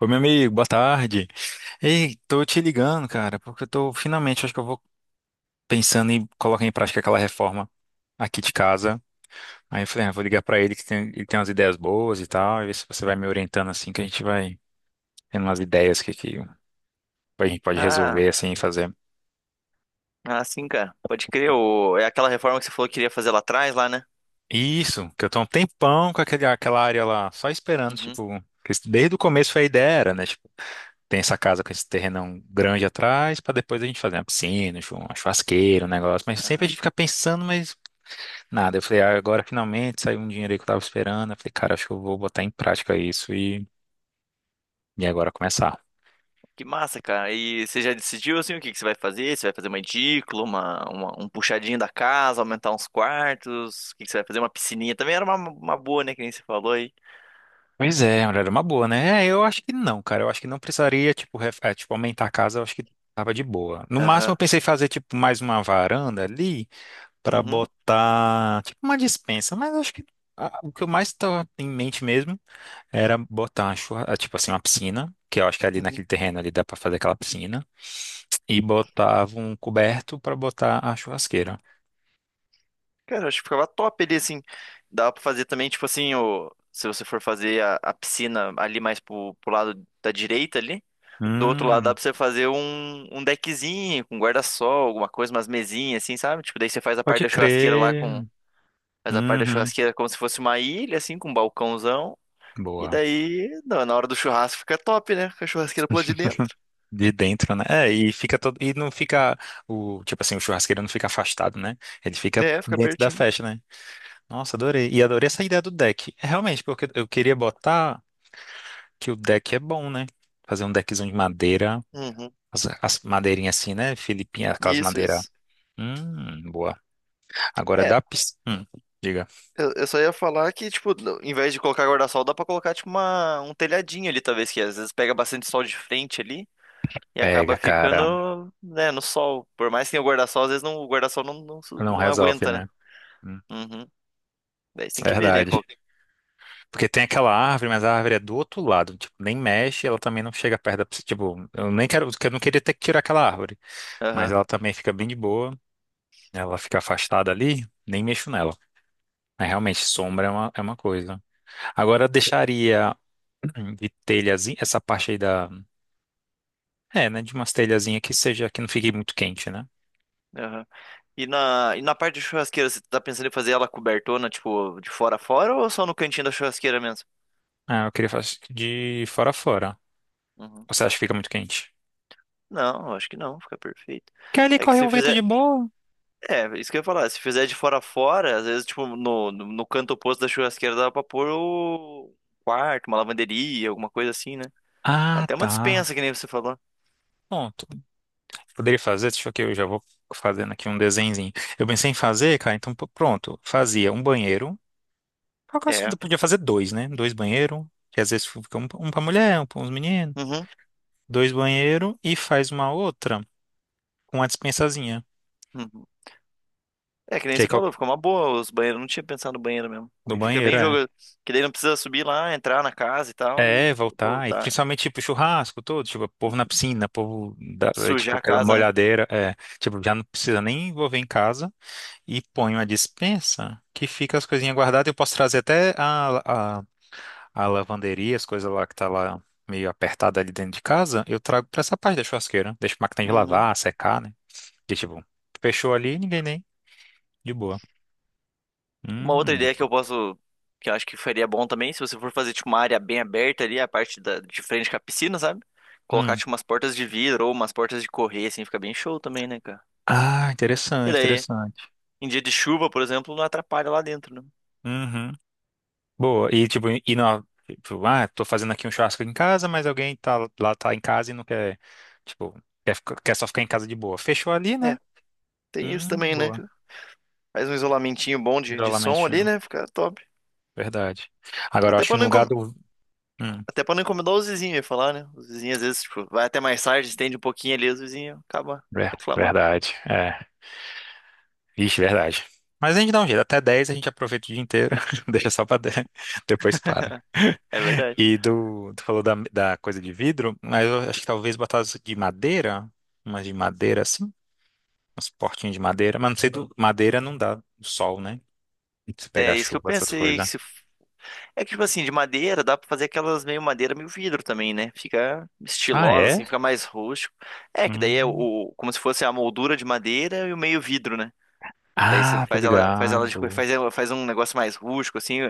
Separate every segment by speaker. Speaker 1: Oi, meu amigo, boa tarde. Ei, tô te ligando, cara, porque eu tô finalmente, acho que eu vou pensando em colocar em prática aquela reforma aqui de casa. Aí eu falei, ah, vou ligar pra ele ele tem umas ideias boas e tal, e ver se você vai me orientando assim, que a gente vai tendo umas ideias que a gente pode
Speaker 2: Ah,
Speaker 1: resolver assim e fazer.
Speaker 2: sim, cara. Pode crer. É aquela reforma que você falou que queria fazer lá atrás, lá, né?
Speaker 1: Isso, que eu tô há um tempão com aquela área lá, só esperando,
Speaker 2: Uhum.
Speaker 1: tipo, desde o começo foi a ideia era, né? Tipo, tem essa casa com esse terrenão grande atrás, pra depois a gente fazer uma piscina, uma churrasqueira, um negócio, mas sempre a
Speaker 2: Aham.
Speaker 1: gente fica pensando, mas. Nada, eu falei, ah, agora finalmente saiu um dinheiro aí que eu tava esperando. Eu falei, cara, acho que eu vou botar em prática isso e agora começar.
Speaker 2: Que massa, cara. E você já decidiu, assim, o que que você vai fazer? Você vai fazer uma edícula, um puxadinho da casa, aumentar uns quartos? O que que você vai fazer? Uma piscininha também era uma boa, né? Que nem você falou aí.
Speaker 1: Pois é, olha, era uma boa, né? É, eu acho que não, cara. Eu acho que não precisaria, tipo, é, tipo, aumentar a casa, eu acho que tava de boa. No máximo, eu
Speaker 2: Aham.
Speaker 1: pensei em fazer, tipo, mais uma varanda ali pra
Speaker 2: Uhum.
Speaker 1: botar, tipo, uma despensa, mas eu acho que ah, o que eu mais tava em mente mesmo era botar, ah, tipo assim, uma piscina, que eu acho que ali
Speaker 2: Uhum.
Speaker 1: naquele terreno ali dá pra fazer aquela piscina, e botava um coberto pra botar a churrasqueira.
Speaker 2: Cara, eu acho que ficava top ali, assim. Dava pra fazer também, tipo assim, se você for fazer a piscina ali mais pro lado da direita ali. Do outro lado dá
Speaker 1: Hum,
Speaker 2: pra você fazer um deckzinho com guarda-sol, alguma coisa, umas mesinhas assim, sabe? Tipo, daí você faz a parte
Speaker 1: pode
Speaker 2: da churrasqueira lá com.
Speaker 1: crer.
Speaker 2: Faz a parte da
Speaker 1: Uhum,
Speaker 2: churrasqueira como se fosse uma ilha, assim, com um balcãozão. E
Speaker 1: boa.
Speaker 2: daí, na hora do churrasco fica top, né? Com a churrasqueira pro lado de dentro.
Speaker 1: De dentro, né? É, e fica todo, e não fica o, tipo assim, o churrasqueiro não fica afastado, né? Ele fica
Speaker 2: É, fica
Speaker 1: dentro da
Speaker 2: pertinho.
Speaker 1: festa, né? Nossa, adorei. E adorei essa ideia do deck. É, realmente, porque eu queria botar que o deck é bom, né? Fazer um deckzão de madeira,
Speaker 2: Uhum.
Speaker 1: as madeirinhas assim, né? Filipinha, aquelas
Speaker 2: Isso,
Speaker 1: madeiras.
Speaker 2: isso.
Speaker 1: Boa. Agora
Speaker 2: É,
Speaker 1: da piscina. Diga.
Speaker 2: eu só ia falar que, tipo, em vez de colocar guarda-sol, dá pra colocar, tipo, um telhadinho ali, talvez, que às vezes pega bastante sol de frente ali. E acaba
Speaker 1: Pega, cara.
Speaker 2: ficando, né, no sol. Por mais que tenha o guarda-sol, às vezes não, o guarda-sol
Speaker 1: Não
Speaker 2: não
Speaker 1: resolve,
Speaker 2: aguenta, né?
Speaker 1: né? Hum,
Speaker 2: Uhum. Daí você tem que ver, né? Qual...
Speaker 1: verdade. Porque tem aquela árvore, mas a árvore é do outro lado, tipo, nem mexe, ela também não chega perto da, pessoa, tipo, eu nem quero, eu não queria ter que tirar aquela árvore, mas
Speaker 2: Aham,
Speaker 1: ela também fica bem de boa, ela fica afastada ali, nem mexo nela. Mas realmente, sombra é uma coisa. Agora eu deixaria de telhazinha, essa parte aí da, é, né, de umas telhazinhas que seja, que não fique muito quente, né?
Speaker 2: aham. E na parte de churrasqueira, você tá pensando em fazer ela cobertona, tipo, de fora a fora ou só no cantinho da churrasqueira mesmo?
Speaker 1: Ah, eu queria fazer de fora a fora.
Speaker 2: Uhum.
Speaker 1: Você acha que fica muito quente?
Speaker 2: Não, eu acho que não, fica perfeito.
Speaker 1: Que ali
Speaker 2: É que
Speaker 1: corre um
Speaker 2: se
Speaker 1: vento de
Speaker 2: fizer.
Speaker 1: boa.
Speaker 2: É, isso que eu ia falar, se fizer de fora a fora, às vezes, tipo, no canto oposto da churrasqueira dá pra pôr o quarto, uma lavanderia, alguma coisa assim, né?
Speaker 1: Ah,
Speaker 2: Até uma
Speaker 1: tá.
Speaker 2: despensa, que nem você falou.
Speaker 1: Pronto. Poderia fazer? Deixa eu que eu já vou fazendo aqui um desenhozinho. Eu pensei em fazer, cara, então pô, pronto. Fazia um banheiro. Eu acho
Speaker 2: É.
Speaker 1: que podia fazer dois, né? Dois banheiros. Que às vezes fica um pra mulher, um pra uns meninos.
Speaker 2: Uhum.
Speaker 1: Dois banheiros e faz uma outra com uma dispensazinha.
Speaker 2: Uhum. É, que nem
Speaker 1: Que aí
Speaker 2: você
Speaker 1: qual-
Speaker 2: falou, ficou uma boa os banheiros. Eu não tinha pensado no banheiro mesmo.
Speaker 1: do
Speaker 2: E fica
Speaker 1: banheiro,
Speaker 2: bem
Speaker 1: é.
Speaker 2: jogo, que daí não precisa subir lá, entrar na casa e tal
Speaker 1: É,
Speaker 2: e
Speaker 1: voltar. E
Speaker 2: voltar.
Speaker 1: principalmente, tipo, churrasco todo. Tipo, povo na
Speaker 2: Uhum.
Speaker 1: piscina, povo, da, é, tipo,
Speaker 2: Sujar a
Speaker 1: aquela
Speaker 2: casa, né?
Speaker 1: molhadeira. É. Tipo, já não precisa nem envolver em casa. E põe uma dispensa que fica as coisinhas guardadas. Eu posso trazer até a- a lavanderia, as coisas lá que tá lá meio apertada ali dentro de casa, eu trago pra essa parte da churrasqueira. Deixo a máquina de
Speaker 2: Uhum.
Speaker 1: lavar, secar, né? E tipo, fechou ali, ninguém nem. De boa.
Speaker 2: Uma outra
Speaker 1: De
Speaker 2: ideia que eu
Speaker 1: boa.
Speaker 2: posso, que eu acho que faria bom também, se você for fazer tipo uma área bem aberta ali, a parte da, de frente com a piscina, sabe? Colocar
Speaker 1: Hum.
Speaker 2: tipo umas portas de vidro ou umas portas de correr, assim, fica bem show também, né, cara?
Speaker 1: Ah, interessante,
Speaker 2: E daí,
Speaker 1: interessante.
Speaker 2: em dia de chuva, por exemplo, não atrapalha lá dentro,
Speaker 1: Uhum. Boa. E tipo, e não, tipo, ah, tô fazendo aqui um churrasco em casa, mas alguém tá lá, tá em casa e não quer, tipo, quer, quer só ficar em casa de boa. Fechou ali,
Speaker 2: né?
Speaker 1: né?
Speaker 2: É, tem isso também, né,
Speaker 1: Boa.
Speaker 2: cara? Faz um isolamentinho bom de som ali,
Speaker 1: Isolamento,
Speaker 2: né? Fica top.
Speaker 1: verdade. Agora, eu
Speaker 2: Até
Speaker 1: acho que
Speaker 2: pra
Speaker 1: no
Speaker 2: não,
Speaker 1: lugar
Speaker 2: incom-
Speaker 1: do. Hum,
Speaker 2: Até pra não incomodar os vizinhos, ia falar, né? Os vizinhos às vezes, tipo, vai até mais tarde, estende um pouquinho ali, os vizinhos acabam reclamando.
Speaker 1: verdade. É. Vixe, verdade. Mas a gente dá um jeito. Até 10 a gente aproveita o dia inteiro. Deixa só pra 10. Depois para.
Speaker 2: É verdade.
Speaker 1: E do, tu falou da, da coisa de vidro, mas eu acho que talvez botar as de madeira. Umas de madeira assim. Uns portinhos de madeira. Mas não sei, do, madeira não dá do sol, né? Se
Speaker 2: É
Speaker 1: pegar
Speaker 2: isso que eu
Speaker 1: chuva, essas
Speaker 2: pensei.
Speaker 1: coisas.
Speaker 2: Que se... É que, tipo assim, de madeira, dá pra fazer aquelas meio madeira, meio vidro também, né? Fica
Speaker 1: Ah,
Speaker 2: estilosa,
Speaker 1: é?
Speaker 2: assim, fica mais rústico. É, que daí é
Speaker 1: Hum.
Speaker 2: o, como se fosse a moldura de madeira e o meio vidro, né? Daí você
Speaker 1: Ah, tá
Speaker 2: faz ela, faz ela
Speaker 1: ligado.
Speaker 2: faz, faz um negócio mais rústico, assim.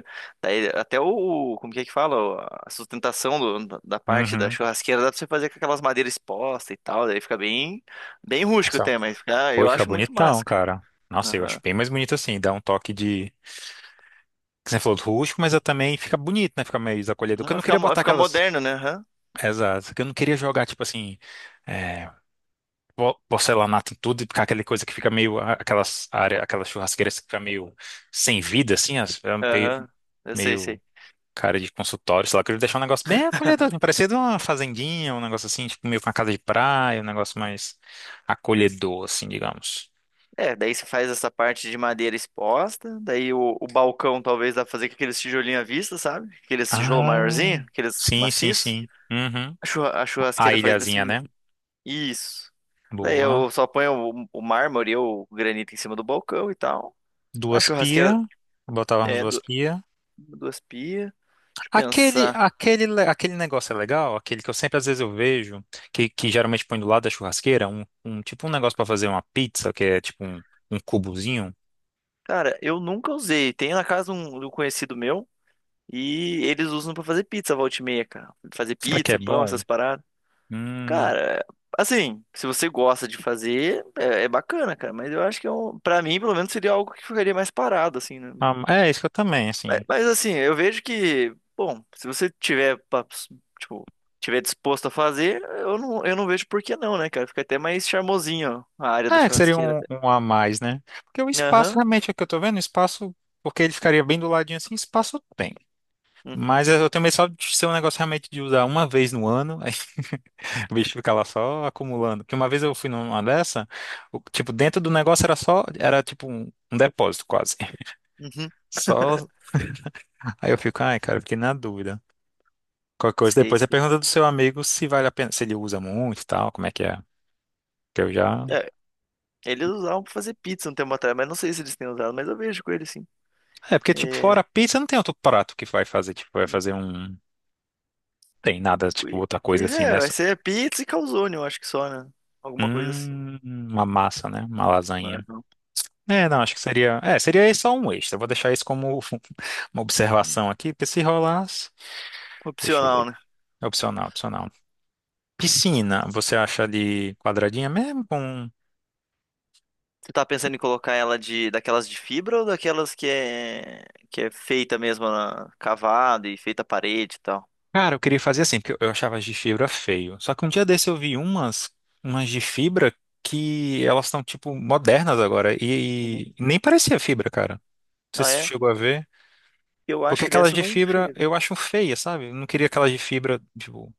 Speaker 2: Daí até o, como que é que fala? A sustentação da parte da
Speaker 1: Uhum.
Speaker 2: churrasqueira dá pra você fazer com aquelas madeiras expostas e tal. Daí fica bem, bem rústico
Speaker 1: Nossa,
Speaker 2: até, mas fica,
Speaker 1: foi,
Speaker 2: eu
Speaker 1: fica
Speaker 2: acho muito
Speaker 1: bonitão,
Speaker 2: máscara.
Speaker 1: cara. Nossa, eu acho
Speaker 2: Aham.
Speaker 1: bem mais bonito assim. Dá um toque que você falou, rústico, mas eu também fica bonito, né? Fica mais acolhedor.
Speaker 2: Uhum.
Speaker 1: Porque eu
Speaker 2: Vai
Speaker 1: não
Speaker 2: ficar,
Speaker 1: queria
Speaker 2: vai
Speaker 1: botar
Speaker 2: ficar
Speaker 1: aquelas.
Speaker 2: moderno, né? Aham.
Speaker 1: Exato. Porque eu não queria jogar, tipo assim, é, porcelanato em tudo e ficar aquela coisa que fica meio. Aquelas área, aquelas churrasqueiras que fica meio sem vida, assim, é meio,
Speaker 2: Aham. Eu sei,
Speaker 1: meio
Speaker 2: sei.
Speaker 1: cara de consultório, sei lá. Eu queria deixar um negócio bem acolhedor, assim, parecido uma fazendinha, um negócio assim, tipo meio com uma casa de praia, um negócio mais acolhedor, assim, digamos.
Speaker 2: É, daí você faz essa parte de madeira exposta, daí o balcão talvez dá pra fazer com aqueles tijolinhos à vista, sabe? Aqueles tijolo
Speaker 1: Ah,
Speaker 2: maiorzinho, aqueles
Speaker 1: sim, sim,
Speaker 2: maciços.
Speaker 1: sim. Uhum.
Speaker 2: A
Speaker 1: A
Speaker 2: churrasqueira faz nesse.
Speaker 1: ilhazinha, né?
Speaker 2: Isso. Daí
Speaker 1: Boa.
Speaker 2: eu só ponho o mármore ou o granito em cima do balcão e tal. A
Speaker 1: Duas
Speaker 2: churrasqueira
Speaker 1: pia, botava umas
Speaker 2: é
Speaker 1: duas pia.
Speaker 2: duas pias. Deixa eu
Speaker 1: Aquele,
Speaker 2: pensar.
Speaker 1: aquele, le- aquele negócio é legal, aquele que eu sempre às vezes eu vejo, que geralmente põe do lado da churrasqueira, um tipo um negócio para fazer uma pizza, que é tipo um cubozinho.
Speaker 2: Cara, eu nunca usei. Tem na casa um, de um conhecido meu e eles usam pra fazer pizza volta e meia, cara. Fazer
Speaker 1: Será que é
Speaker 2: pizza, pão,
Speaker 1: bom?
Speaker 2: essas paradas.
Speaker 1: Hum,
Speaker 2: Cara, assim, se você gosta de fazer, é bacana, cara. Mas eu acho que é um, pra mim, pelo menos, seria algo que ficaria mais parado, assim, né?
Speaker 1: ah, é isso que eu também,
Speaker 2: Mas,
Speaker 1: assim.
Speaker 2: mas, assim, eu vejo que, bom, se você tiver, tipo, tiver disposto a fazer, eu não vejo por que não, né, cara? Fica até mais charmosinho, ó, a área da
Speaker 1: É, que seria
Speaker 2: churrasqueira.
Speaker 1: um,
Speaker 2: Até.
Speaker 1: um a mais, né? Porque o espaço,
Speaker 2: Aham,
Speaker 1: realmente, é o que eu tô vendo, o espaço, porque ele ficaria bem do ladinho assim, espaço tem.
Speaker 2: uhum,
Speaker 1: Mas eu tenho medo só de ser um negócio realmente de usar uma vez no ano, o bicho fica lá só acumulando. Porque uma vez eu fui numa dessa, tipo, dentro do negócio era só, era tipo um depósito quase.
Speaker 2: uhum.
Speaker 1: Só. Aí eu fico, ai, cara, eu fiquei na dúvida. Qualquer coisa
Speaker 2: Sei,
Speaker 1: depois é
Speaker 2: sei.
Speaker 1: pergunta do seu amigo se vale a pena, se ele usa muito e tal, como é. Que eu já.
Speaker 2: É, eles usavam pra fazer pizza um tempo atrás, mas não sei se eles têm usado, mas eu vejo com eles sim.
Speaker 1: É, porque, tipo,
Speaker 2: É,
Speaker 1: fora pizza, não tem outro prato que vai fazer, tipo, vai
Speaker 2: hum,
Speaker 1: fazer um. Tem nada, tipo,
Speaker 2: poi-
Speaker 1: outra coisa
Speaker 2: pois
Speaker 1: assim,
Speaker 2: é,
Speaker 1: né?
Speaker 2: vai
Speaker 1: Só-
Speaker 2: ser pizza e calzone, eu acho que só, né? Alguma coisa assim.
Speaker 1: Uma massa, né? Uma lasanha.
Speaker 2: Aham.
Speaker 1: É, não, acho que seria. É, seria só um extra. Eu vou deixar isso como uma observação aqui, porque se rolar. Deixa eu
Speaker 2: Opcional,
Speaker 1: ver.
Speaker 2: né?
Speaker 1: É opcional, opcional. Piscina, você acha de quadradinha mesmo? Com...
Speaker 2: Tu tá pensando em colocar ela de daquelas de fibra ou daquelas que é feita mesmo na, cavada e feita à parede e tal?
Speaker 1: Cara, eu queria fazer assim, porque eu achava as de fibra feio. Só que um dia desse eu vi umas, umas de fibra que elas estão, tipo, modernas agora.
Speaker 2: Uhum.
Speaker 1: E nem parecia fibra, cara. Não sei
Speaker 2: Ah,
Speaker 1: se você
Speaker 2: é?
Speaker 1: chegou a ver.
Speaker 2: Eu acho
Speaker 1: Porque
Speaker 2: que
Speaker 1: aquelas
Speaker 2: dessa eu
Speaker 1: de
Speaker 2: não
Speaker 1: fibra
Speaker 2: cheguei a ver.
Speaker 1: eu acho feia, sabe? Eu não queria aquelas de fibra, tipo.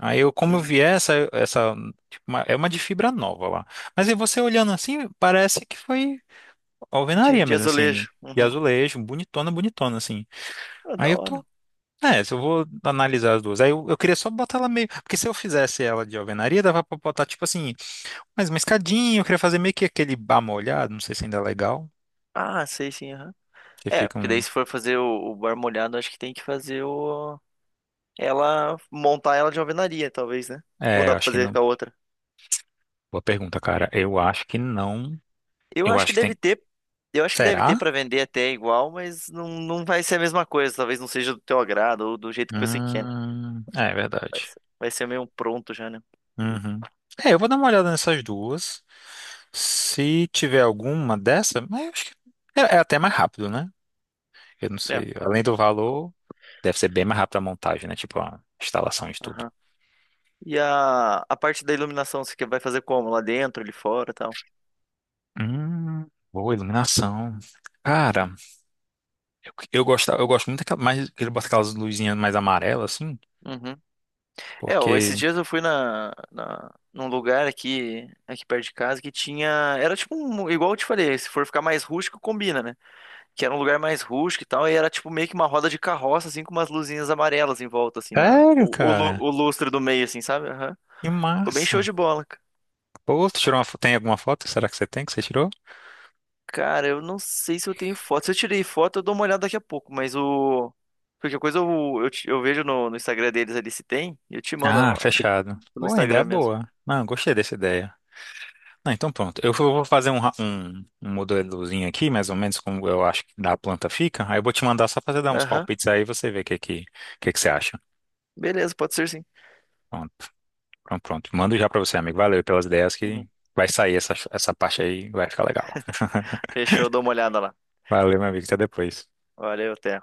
Speaker 1: Aí eu, como eu
Speaker 2: Uhum.
Speaker 1: vi essa, tipo, é uma de fibra nova lá. Mas aí você olhando assim, parece que foi alvenaria
Speaker 2: De
Speaker 1: mesmo, assim.
Speaker 2: azulejo.
Speaker 1: E
Speaker 2: Uhum.
Speaker 1: azulejo, bonitona, bonitona, assim.
Speaker 2: Ah,
Speaker 1: Aí
Speaker 2: da
Speaker 1: eu
Speaker 2: hora.
Speaker 1: tô. É, se eu vou analisar as duas. Aí eu queria só botar ela meio. Porque se eu fizesse ela de alvenaria, dava pra botar, tipo assim, mais uma escadinha. Eu queria fazer meio que aquele bar molhado, não sei se ainda é legal.
Speaker 2: Ah, sei sim, aham.
Speaker 1: Que
Speaker 2: É,
Speaker 1: fica
Speaker 2: porque daí
Speaker 1: um.
Speaker 2: se for fazer o bar molhado, acho que tem que fazer o... Ela... Montar ela de alvenaria, talvez, né? Ou
Speaker 1: É,
Speaker 2: dá
Speaker 1: eu
Speaker 2: pra
Speaker 1: acho que
Speaker 2: fazer com
Speaker 1: não.
Speaker 2: a outra?
Speaker 1: Boa pergunta, cara. Eu acho que não.
Speaker 2: Eu
Speaker 1: Eu
Speaker 2: acho que
Speaker 1: acho que
Speaker 2: deve
Speaker 1: tem.
Speaker 2: ter, eu acho que deve ter
Speaker 1: Será?
Speaker 2: para vender até igual, mas não, não vai ser a mesma coisa. Talvez não seja do teu agrado ou do jeito que você quer, né?
Speaker 1: É verdade.
Speaker 2: Vai ser meio um pronto já, né?
Speaker 1: Uhum. É, eu vou dar uma olhada nessas duas. Se tiver alguma dessa, mas eu acho que é, é até mais rápido, né? Eu não
Speaker 2: É.
Speaker 1: sei. Além do
Speaker 2: Co-.
Speaker 1: valor, deve ser bem mais rápido a montagem, né? Tipo, a instalação de tudo.
Speaker 2: Aham. E a parte da iluminação, você vai fazer como? Lá dentro, ali fora, e tal?
Speaker 1: Hum, boa iluminação. Cara, eu, eu gosto muito daquela, mais que ele bota aquelas luzinhas mais amarelas, assim,
Speaker 2: Uhum. É, ó,
Speaker 1: porque...
Speaker 2: esses dias eu fui num lugar aqui, aqui perto de casa que tinha. Era tipo um. Igual eu te falei, se for ficar mais rústico, combina, né? Que era um lugar mais rústico e tal, e era tipo meio que uma roda de carroça, assim, com umas luzinhas amarelas em volta, assim, na...
Speaker 1: Sério, cara?
Speaker 2: o lustre do meio, assim, sabe? Aham.
Speaker 1: Que
Speaker 2: Ficou bem show
Speaker 1: massa.
Speaker 2: de bola.
Speaker 1: Pô, tu tirou uma, tem alguma foto? Será que você tem que você tirou?
Speaker 2: Cara, eu não sei se eu tenho foto. Se eu tirei foto, eu dou uma olhada daqui a pouco, mas o. Qualquer coisa eu vejo no Instagram deles ali se tem, e eu te mando
Speaker 1: Ah,
Speaker 2: ó,
Speaker 1: fechado.
Speaker 2: no
Speaker 1: Pô, ainda é
Speaker 2: Instagram mesmo.
Speaker 1: boa. Não, gostei dessa ideia. Ah, então pronto. Eu vou fazer um, um, um modelozinho aqui, mais ou menos como eu acho que da planta fica. Aí eu vou te mandar só pra você dar uns
Speaker 2: Aham,
Speaker 1: palpites aí e você vê o que você acha.
Speaker 2: beleza, pode ser sim.
Speaker 1: Pronto, pronto, pronto. Mando já pra você, amigo. Valeu pelas ideias que
Speaker 2: Uhum.
Speaker 1: vai sair essa, essa parte aí, vai ficar legal.
Speaker 2: Fechou, eu dou uma olhada lá.
Speaker 1: Valeu, meu amigo. Até depois.
Speaker 2: Valeu, até.